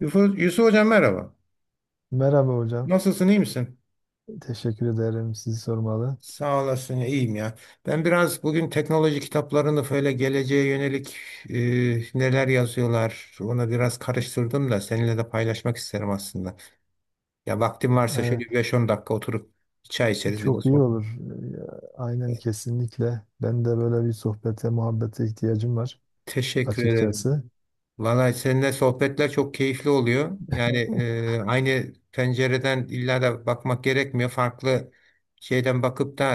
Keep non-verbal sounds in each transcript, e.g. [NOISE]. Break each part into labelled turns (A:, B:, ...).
A: Yusuf, Yusuf Hocam merhaba.
B: Merhaba hocam.
A: Nasılsın, iyi misin?
B: Teşekkür ederim sizi sormalı.
A: Sağ olasın, iyiyim ya. Ben biraz bugün teknoloji kitaplarını böyle geleceğe yönelik neler yazıyorlar ona biraz karıştırdım da seninle de paylaşmak isterim aslında. Ya vaktim varsa şöyle
B: Evet,
A: bir 5-10 dakika oturup çay içeriz bir de
B: çok iyi
A: sohbet.
B: olur. Aynen kesinlikle. Ben de böyle bir sohbete, muhabbete ihtiyacım var
A: Teşekkür ederim.
B: açıkçası.
A: Vallahi seninle sohbetler çok keyifli oluyor. Yani aynı pencereden illa da bakmak gerekmiyor. Farklı şeyden bakıp da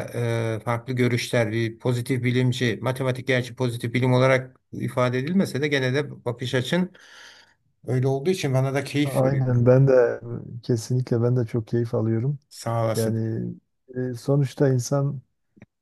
A: farklı görüşler, bir pozitif bilimci, matematik gerçi pozitif bilim olarak ifade edilmese de gene de bakış açın öyle olduğu için bana da keyif veriyor.
B: Aynen ben de kesinlikle ben de çok keyif alıyorum.
A: Sağ olasın.
B: Yani sonuçta insan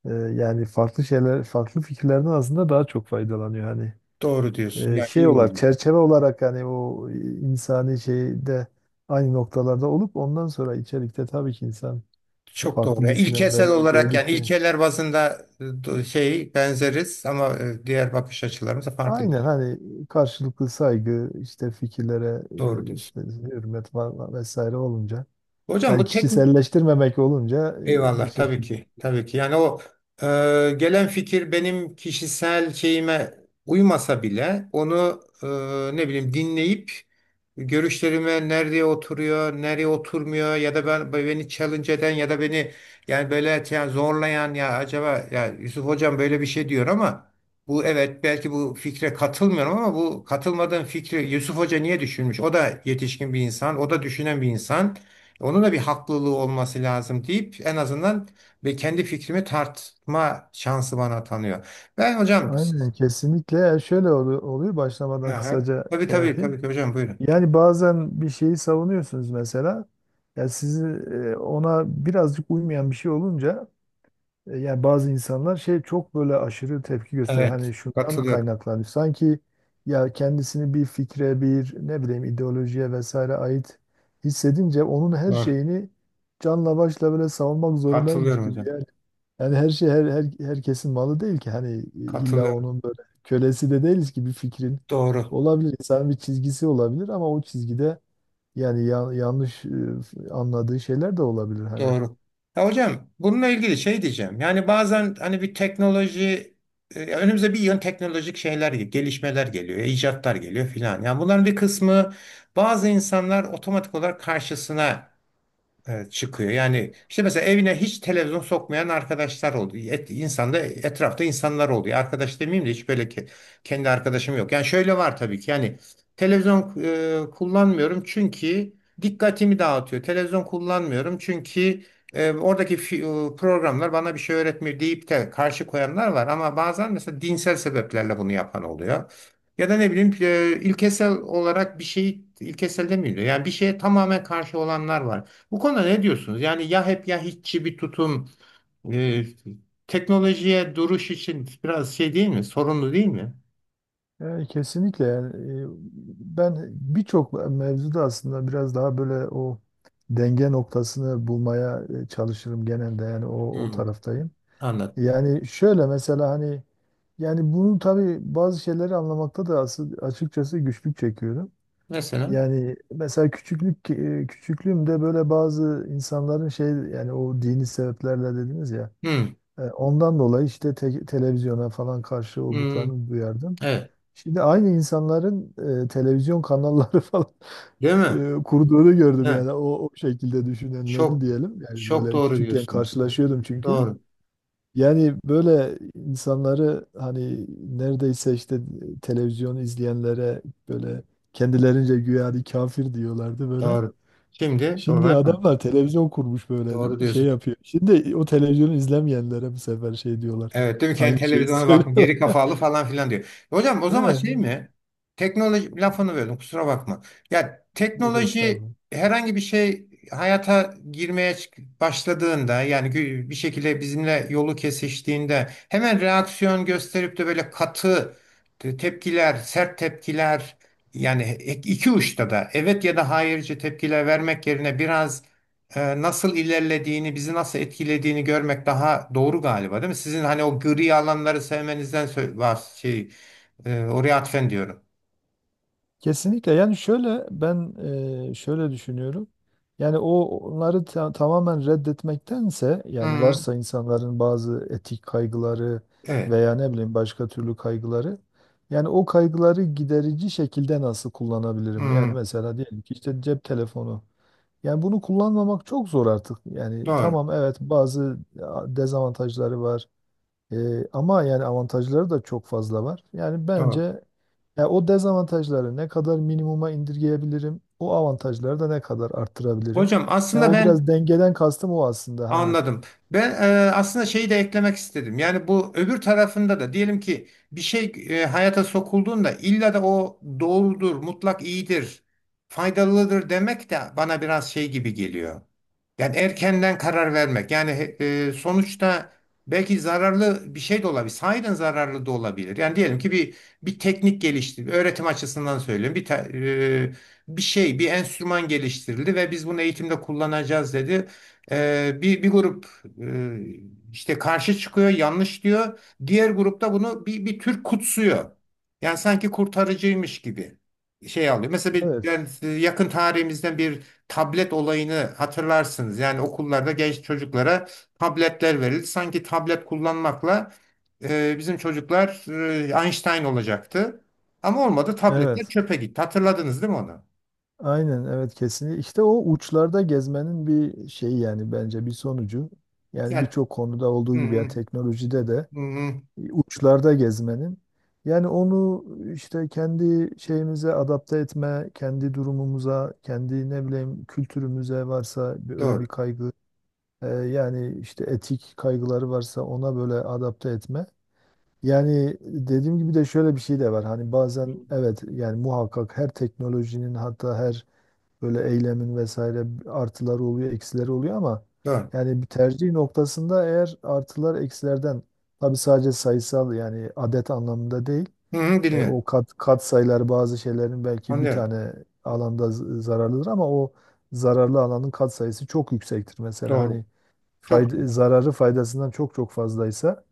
B: yani farklı şeyler, farklı fikirlerden aslında daha çok faydalanıyor. Hani
A: Doğru diyorsun. Yani
B: şey
A: iyi oldu.
B: olarak, çerçeve olarak hani o insani şeyde aynı noktalarda olup ondan sonra içerikte tabii ki insan
A: Çok doğru.
B: farklı
A: Yani İlkesel
B: düşünenleri
A: olarak, yani
B: gördükçe.
A: ilkeler bazında şey benzeriz ama diğer bakış açılarımız da farklı.
B: Aynen hani karşılıklı saygı, işte fikirlere,
A: Doğru diyorsun.
B: işte hürmet falan vesaire olunca.
A: Hocam
B: Yani
A: bu tek.
B: kişiselleştirmemek olunca bir
A: Eyvallah, tabii
B: şekilde.
A: ki tabii ki, yani o e, gelen fikir benim kişisel şeyime uymasa bile onu, ne bileyim, dinleyip görüşlerime nerede oturuyor nereye oturmuyor, ya da ben beni challenge eden ya da beni, yani böyle yani zorlayan, ya acaba ya Yusuf hocam böyle bir şey diyor ama bu, evet belki bu fikre katılmıyorum ama bu katılmadığım fikri Yusuf Hoca niye düşünmüş? O da yetişkin bir insan, o da düşünen bir insan. Onun da bir haklılığı olması lazım deyip en azından ve kendi fikrimi tartma şansı bana tanıyor. Ben hocam siz,
B: Aynen kesinlikle. Yani şöyle oluyor başlamadan
A: aha,
B: kısaca
A: tabii
B: şey
A: tabii
B: yapayım.
A: tabii ki hocam buyurun.
B: Yani bazen bir şeyi savunuyorsunuz mesela. Ya sizi ona birazcık uymayan bir şey olunca. Yani bazı insanlar şey çok böyle aşırı tepki gösterir. Hani
A: Evet,
B: şundan
A: katılıyorum.
B: kaynaklanıyor. Sanki ya kendisini bir fikre, bir ne bileyim ideolojiye vesaire ait hissedince onun her
A: Doğru.
B: şeyini canla başla böyle savunmak zorundaymış
A: Katılıyorum
B: gibi
A: hocam.
B: yani. Yani her şey herkesin malı değil ki. Hani illa
A: Katılıyorum.
B: onun böyle kölesi de değiliz ki bir fikrin.
A: Doğru.
B: Olabilir insanın bir çizgisi olabilir ama o çizgide yani yanlış anladığı şeyler de olabilir hani.
A: Doğru. Ya hocam bununla ilgili şey diyeceğim. Yani bazen hani bir teknoloji, önümüze bir yön teknolojik şeyler, gelişmeler geliyor, icatlar geliyor filan. Yani bunların bir kısmı, bazı insanlar otomatik olarak karşısına evet, çıkıyor. Yani işte mesela evine hiç televizyon sokmayan arkadaşlar oldu. Et, insanda, etrafta insanlar oluyor. Arkadaş demeyeyim de, hiç böyle kendi arkadaşım yok. Yani şöyle var tabii ki. Yani televizyon kullanmıyorum çünkü dikkatimi dağıtıyor. Televizyon kullanmıyorum çünkü oradaki programlar bana bir şey öğretmiyor deyip de karşı koyanlar var. Ama bazen mesela dinsel sebeplerle bunu yapan oluyor. Ya da ne bileyim ilkesel olarak bir şeyi, ilkesel demiyor. Yani bir şeye tamamen karşı olanlar var. Bu konuda ne diyorsunuz? Yani ya hep ya hiççi bir tutum, e, teknolojiye duruş için biraz şey değil mi? Sorunlu değil mi?
B: Yani kesinlikle yani e, ben birçok mevzuda aslında biraz daha böyle o denge noktasını bulmaya çalışırım genelde yani o
A: Hmm.
B: taraftayım.
A: Anlat.
B: Yani şöyle mesela hani yani bunu tabii bazı şeyleri anlamakta da asıl açıkçası güçlük çekiyorum.
A: Mesela.
B: Yani mesela küçüklüğümde böyle bazı insanların şey yani o dini sebeplerle dediniz ya.
A: Hmm,
B: Ondan dolayı işte televizyona falan karşı
A: hmm,
B: olduklarını duyardım.
A: evet.
B: Şimdi aynı insanların televizyon kanalları [LAUGHS] falan
A: Değil mi?
B: kurduğunu gördüm
A: Evet.
B: yani o şekilde düşünenlerin
A: Çok
B: diyelim. Yani
A: çok
B: böyle
A: doğru
B: küçükken
A: diyorsunuz.
B: karşılaşıyordum çünkü.
A: Doğru.
B: Yani böyle insanları hani neredeyse işte televizyon izleyenlere böyle kendilerince güya hani kafir diyorlardı böyle.
A: Doğru. Şimdi doğru
B: Şimdi
A: yapma.
B: adamlar televizyon kurmuş böyle
A: Doğru
B: şey
A: diyorsunuz.
B: yapıyor. Şimdi o televizyonu izlemeyenlere bu sefer şey diyorlar.
A: Evet değil mi? Kendi
B: Aynı şeyi
A: televizyona bakın,
B: söylüyorlar.
A: geri
B: [LAUGHS]
A: kafalı falan filan diyor. Hocam o zaman şey
B: Eh,
A: mi? Teknoloji lafını böldüm, kusura bakma. Ya
B: Yok
A: teknoloji
B: estağfurullah.
A: herhangi bir şey hayata girmeye başladığında, yani bir şekilde bizimle yolu kesiştiğinde hemen reaksiyon gösterip de böyle katı tepkiler, sert tepkiler, yani iki uçta da evet ya da hayırcı tepkiler vermek yerine biraz nasıl ilerlediğini, bizi nasıl etkilediğini görmek daha doğru galiba, değil mi? Sizin hani o gri alanları sevmenizden şey, oraya atfen diyorum.
B: Kesinlikle yani şöyle ben şöyle düşünüyorum. Yani o onları tamamen reddetmektense yani
A: Hı,
B: varsa insanların bazı etik kaygıları
A: evet.
B: veya ne bileyim başka türlü kaygıları yani o kaygıları giderici şekilde nasıl kullanabilirim? Yani
A: Hı,
B: mesela diyelim ki işte cep telefonu. Yani bunu kullanmamak çok zor artık. Yani
A: doğru.
B: tamam evet bazı dezavantajları var. Ama yani avantajları da çok fazla var. Yani
A: Doğru.
B: bence ya o dezavantajları ne kadar minimuma indirgeyebilirim, o avantajları da ne kadar arttırabilirim.
A: Hocam
B: Ya
A: aslında
B: o biraz
A: ben
B: dengeden kastım o aslında hani.
A: anladım. Ben aslında şeyi de eklemek istedim. Yani bu öbür tarafında da, diyelim ki bir şey hayata sokulduğunda illa da o doğrudur, mutlak iyidir, faydalıdır demek de bana biraz şey gibi geliyor. Yani erkenden karar vermek. Yani sonuçta belki zararlı bir şey de olabilir. Sahiden zararlı da olabilir. Yani diyelim ki bir teknik geliştirildi, öğretim açısından söylüyorum. Bir şey, bir enstrüman geliştirildi ve biz bunu eğitimde kullanacağız dedi. Bir grup işte karşı çıkıyor, yanlış diyor. Diğer grupta bunu bir tür kutsuyor. Yani sanki kurtarıcıymış gibi şey alıyor. Mesela bir,
B: Evet.
A: yani yakın tarihimizden bir tablet olayını hatırlarsınız. Yani okullarda genç çocuklara tabletler verildi. Sanki tablet kullanmakla bizim çocuklar Einstein olacaktı. Ama olmadı, tabletler
B: Evet.
A: çöpe gitti. Hatırladınız değil mi onu?
B: Aynen evet kesinlikle. İşte o uçlarda gezmenin bir şeyi yani bence bir sonucu. Yani
A: Yani,
B: birçok konuda olduğu
A: hı
B: gibi ya
A: hı,
B: teknolojide de
A: hı hı,
B: uçlarda gezmenin. Yani onu işte kendi şeyimize adapte etme, kendi durumumuza, kendi ne bileyim kültürümüze varsa öyle bir
A: doğru.
B: kaygı, yani işte etik kaygıları varsa ona böyle adapte etme. Yani dediğim gibi de şöyle bir şey de var. Hani bazen evet yani muhakkak her teknolojinin hatta her böyle eylemin vesaire artıları oluyor, eksileri oluyor ama
A: Doğru.
B: yani bir tercih noktasında eğer artılar eksilerden tabii sadece sayısal yani adet anlamında değil.
A: Hı hı, dinliyorum.
B: O kat sayıları bazı şeylerin belki bir
A: Anlıyorum.
B: tane alanda zararlıdır ama o zararlı alanın kat sayısı çok yüksektir. Mesela
A: Doğru.
B: hani
A: Çok
B: fayda,
A: doğru.
B: zararı faydasından çok çok fazlaysa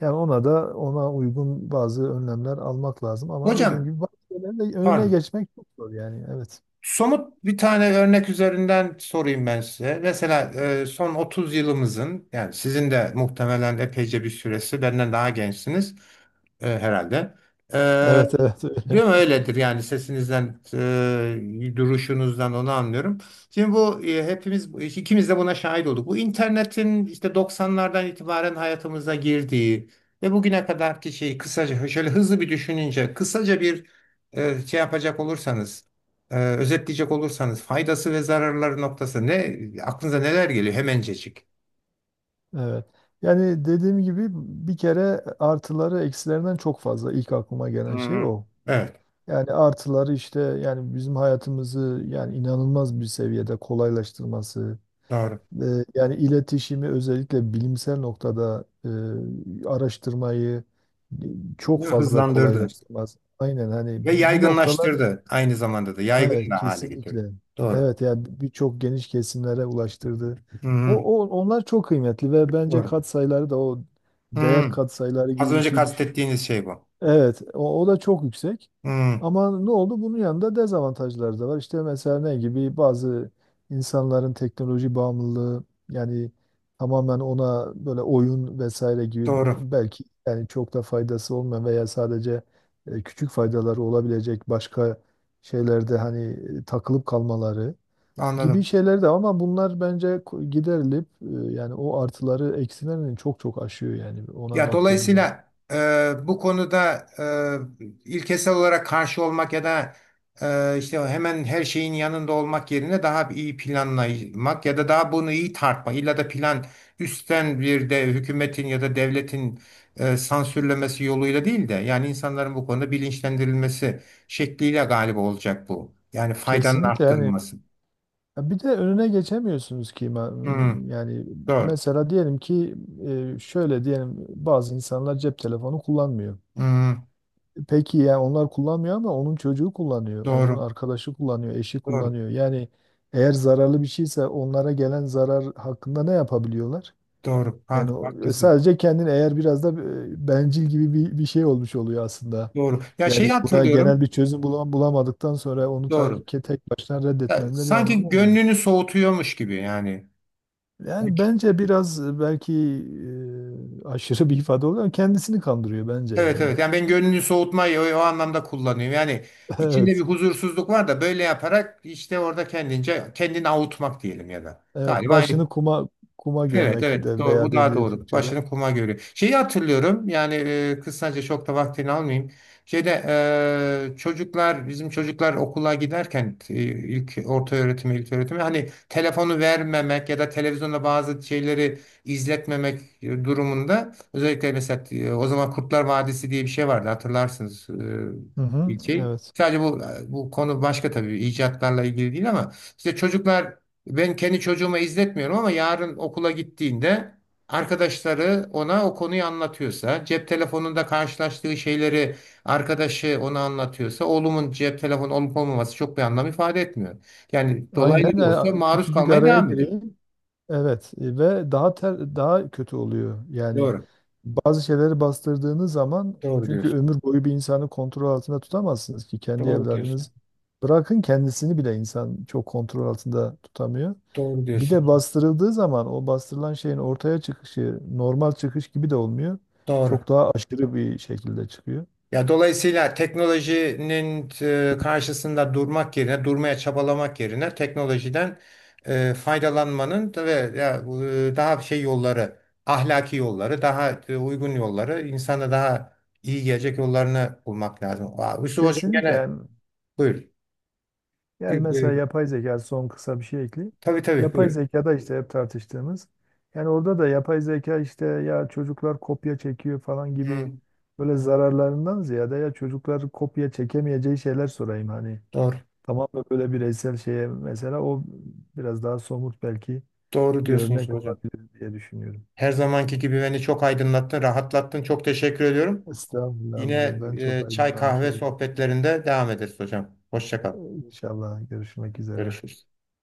B: yani ona uygun bazı önlemler almak lazım ama dediğim
A: Hocam,
B: gibi bazı şeylerin de önüne
A: pardon.
B: geçmek çok zor yani evet.
A: Somut bir tane örnek üzerinden sorayım ben size. Mesela son 30 yılımızın, yani sizin de muhtemelen epeyce bir süresi, benden daha gençsiniz. E, herhalde.
B: Evet evet.
A: E, Diyorum
B: [LAUGHS]
A: öyledir yani, sesinizden, duruşunuzdan onu anlıyorum. Şimdi bu hepimiz, ikimiz de buna şahit olduk. Bu internetin işte 90'lardan itibaren hayatımıza girdiği ve bugüne kadarki şeyi, kısaca, şöyle hızlı bir düşününce, kısaca bir şey yapacak olursanız, özetleyecek olursanız faydası ve zararları noktası ne, aklınıza neler geliyor hemencecik?
B: Evet. Yani dediğim gibi bir kere artıları eksilerinden çok fazla ilk aklıma
A: Hı
B: gelen şey
A: hı.
B: o.
A: Evet,
B: Yani artıları işte yani bizim hayatımızı yani inanılmaz bir seviyede kolaylaştırması,
A: doğru.
B: yani iletişimi özellikle bilimsel noktada araştırmayı e, çok
A: Değil mi?
B: fazla
A: Hızlandırdı.
B: kolaylaştırmaz. Aynen hani
A: Ve
B: bu noktalar.
A: yaygınlaştırdı. Aynı zamanda da yaygın
B: Evet
A: da hale getirdi.
B: kesinlikle.
A: Doğru.
B: Evet yani birçok geniş kesimlere ulaştırdı.
A: Hı hı,
B: O, o onlar çok kıymetli ve bence
A: doğru.
B: katsayıları da o
A: Hı
B: değer
A: hı.
B: katsayıları
A: Az
B: gibi bir
A: önce
B: şey.
A: kastettiğiniz şey bu.
B: Evet, o da çok yüksek.
A: Hı,
B: Ama ne oldu? Bunun yanında dezavantajları da var. İşte mesela ne gibi bazı insanların teknoloji bağımlılığı yani tamamen ona böyle oyun vesaire gibi
A: doğru.
B: belki yani çok da faydası olmayan veya sadece küçük faydaları olabilecek başka şeylerde hani takılıp kalmaları gibi
A: Anladım.
B: şeyler de var ama bunlar bence giderilip yani o artıları eksilerini çok çok aşıyor yani ona
A: Ya
B: baktığımız zaman.
A: dolayısıyla bu konuda ilkesel olarak karşı olmak ya da işte hemen her şeyin yanında olmak yerine daha bir iyi planlamak ya da daha bunu iyi tartmak. İlla da plan, üstten bir de hükümetin ya da devletin sansürlemesi yoluyla değil de, yani insanların bu konuda bilinçlendirilmesi şekliyle galiba olacak bu. Yani faydanın
B: Kesinlikle yani.
A: arttırılması.
B: Ya bir de önüne geçemiyorsunuz ki
A: Hmm,
B: yani
A: doğru.
B: mesela diyelim ki şöyle diyelim bazı insanlar cep telefonu kullanmıyor.
A: Hmm,
B: Peki ya onlar kullanmıyor ama onun çocuğu kullanıyor, onun
A: doğru.
B: arkadaşı kullanıyor, eşi
A: Doğru.
B: kullanıyor. Yani eğer zararlı bir şeyse onlara gelen zarar hakkında ne yapabiliyorlar?
A: Doğru. Ha,
B: Yani
A: haklısın.
B: sadece kendini eğer biraz da bencil gibi bir şey olmuş oluyor aslında.
A: Doğru. Ya
B: Yani
A: şeyi
B: buna genel
A: hatırlıyorum.
B: bir çözüm bulamadıktan sonra onu ta-
A: Doğru.
B: tek başına
A: Ya,
B: reddetmenin de bir anlamı
A: sanki
B: olmuyor.
A: gönlünü soğutuyormuş gibi yani.
B: Yani bence biraz belki aşırı bir ifade oluyor ama kendisini kandırıyor bence
A: Evet
B: yani.
A: evet. Yani ben gönlünü soğutmayı o, o anlamda kullanıyorum. Yani
B: [LAUGHS]
A: içinde bir
B: Evet.
A: huzursuzluk var da böyle yaparak işte orada kendince kendini avutmak diyelim ya da.
B: Evet.
A: Galiba aynı.
B: Başını kuma
A: Evet
B: gömmek
A: evet,
B: de
A: doğru,
B: veya
A: bu daha
B: deniyor
A: doğru.
B: Türkçe'de.
A: Başını kuma görüyor. Şeyi hatırlıyorum, yani kısaca çok da vaktini almayayım. Şeyde e, çocuklar bizim çocuklar okula giderken, ilk öğretime, hani telefonu vermemek ya da televizyonda bazı şeyleri izletmemek durumunda, özellikle mesela o zaman Kurtlar Vadisi diye bir şey vardı, hatırlarsınız
B: Hı hı,
A: ilçeyi.
B: evet.
A: Sadece bu bu konu başka tabii icatlarla ilgili değil ama işte çocuklar, ben kendi çocuğuma izletmiyorum ama yarın okula gittiğinde arkadaşları ona o konuyu anlatıyorsa, cep telefonunda karşılaştığı şeyleri arkadaşı ona anlatıyorsa, oğlumun cep telefonu olup olmaması çok bir anlam ifade etmiyor. Yani dolaylı
B: Aynen.
A: da olsa
B: e,
A: maruz
B: Küçücük
A: kalmaya
B: araya
A: devam ediyor.
B: gireyim. Evet. Ve daha kötü oluyor. Yani
A: Doğru.
B: bazı şeyleri bastırdığınız zaman
A: Doğru
B: çünkü
A: diyorsun.
B: ömür boyu bir insanı kontrol altında tutamazsınız ki kendi
A: Doğru diyorsun.
B: evladınız. Bırakın kendisini bile insan çok kontrol altında tutamıyor.
A: Doğru
B: Bir de
A: diyorsun.
B: bastırıldığı zaman o bastırılan şeyin ortaya çıkışı normal çıkış gibi de olmuyor.
A: Doğru.
B: Çok daha aşırı bir şekilde çıkıyor.
A: Ya dolayısıyla teknolojinin karşısında durmak yerine, durmaya çabalamak yerine teknolojiden faydalanmanın da ve ya, daha şey yolları, ahlaki yolları, daha uygun yolları, insana daha iyi gelecek yollarını bulmak lazım. Aa, Yusuf Hocam
B: Kesinlikle
A: gene
B: yani,
A: buyur. E,
B: yani
A: e,
B: mesela yapay zeka son kısa bir şey ekleyeyim.
A: Tabii tabii
B: Yapay
A: buyur.
B: zekada işte hep tartıştığımız yani orada da yapay zeka işte ya çocuklar kopya çekiyor falan gibi
A: Hmm.
B: böyle zararlarından ziyade ya çocuklar kopya çekemeyeceği şeyler sorayım hani
A: Doğru.
B: tamamen böyle bireysel şeye mesela o biraz daha somut belki
A: Doğru
B: bir
A: diyorsun Yusuf
B: örnek
A: Hocam.
B: olabilir diye düşünüyorum.
A: Her zamanki gibi beni çok aydınlattın, rahatlattın. Çok teşekkür ediyorum.
B: Estağfurullah.
A: Yine
B: Ben çok
A: çay
B: aydınlanmış
A: kahve
B: oldum.
A: sohbetlerinde devam ederiz hocam. Hoşça
B: Ee,
A: kal.
B: İnşallah görüşmek üzere.
A: Görüşürüz.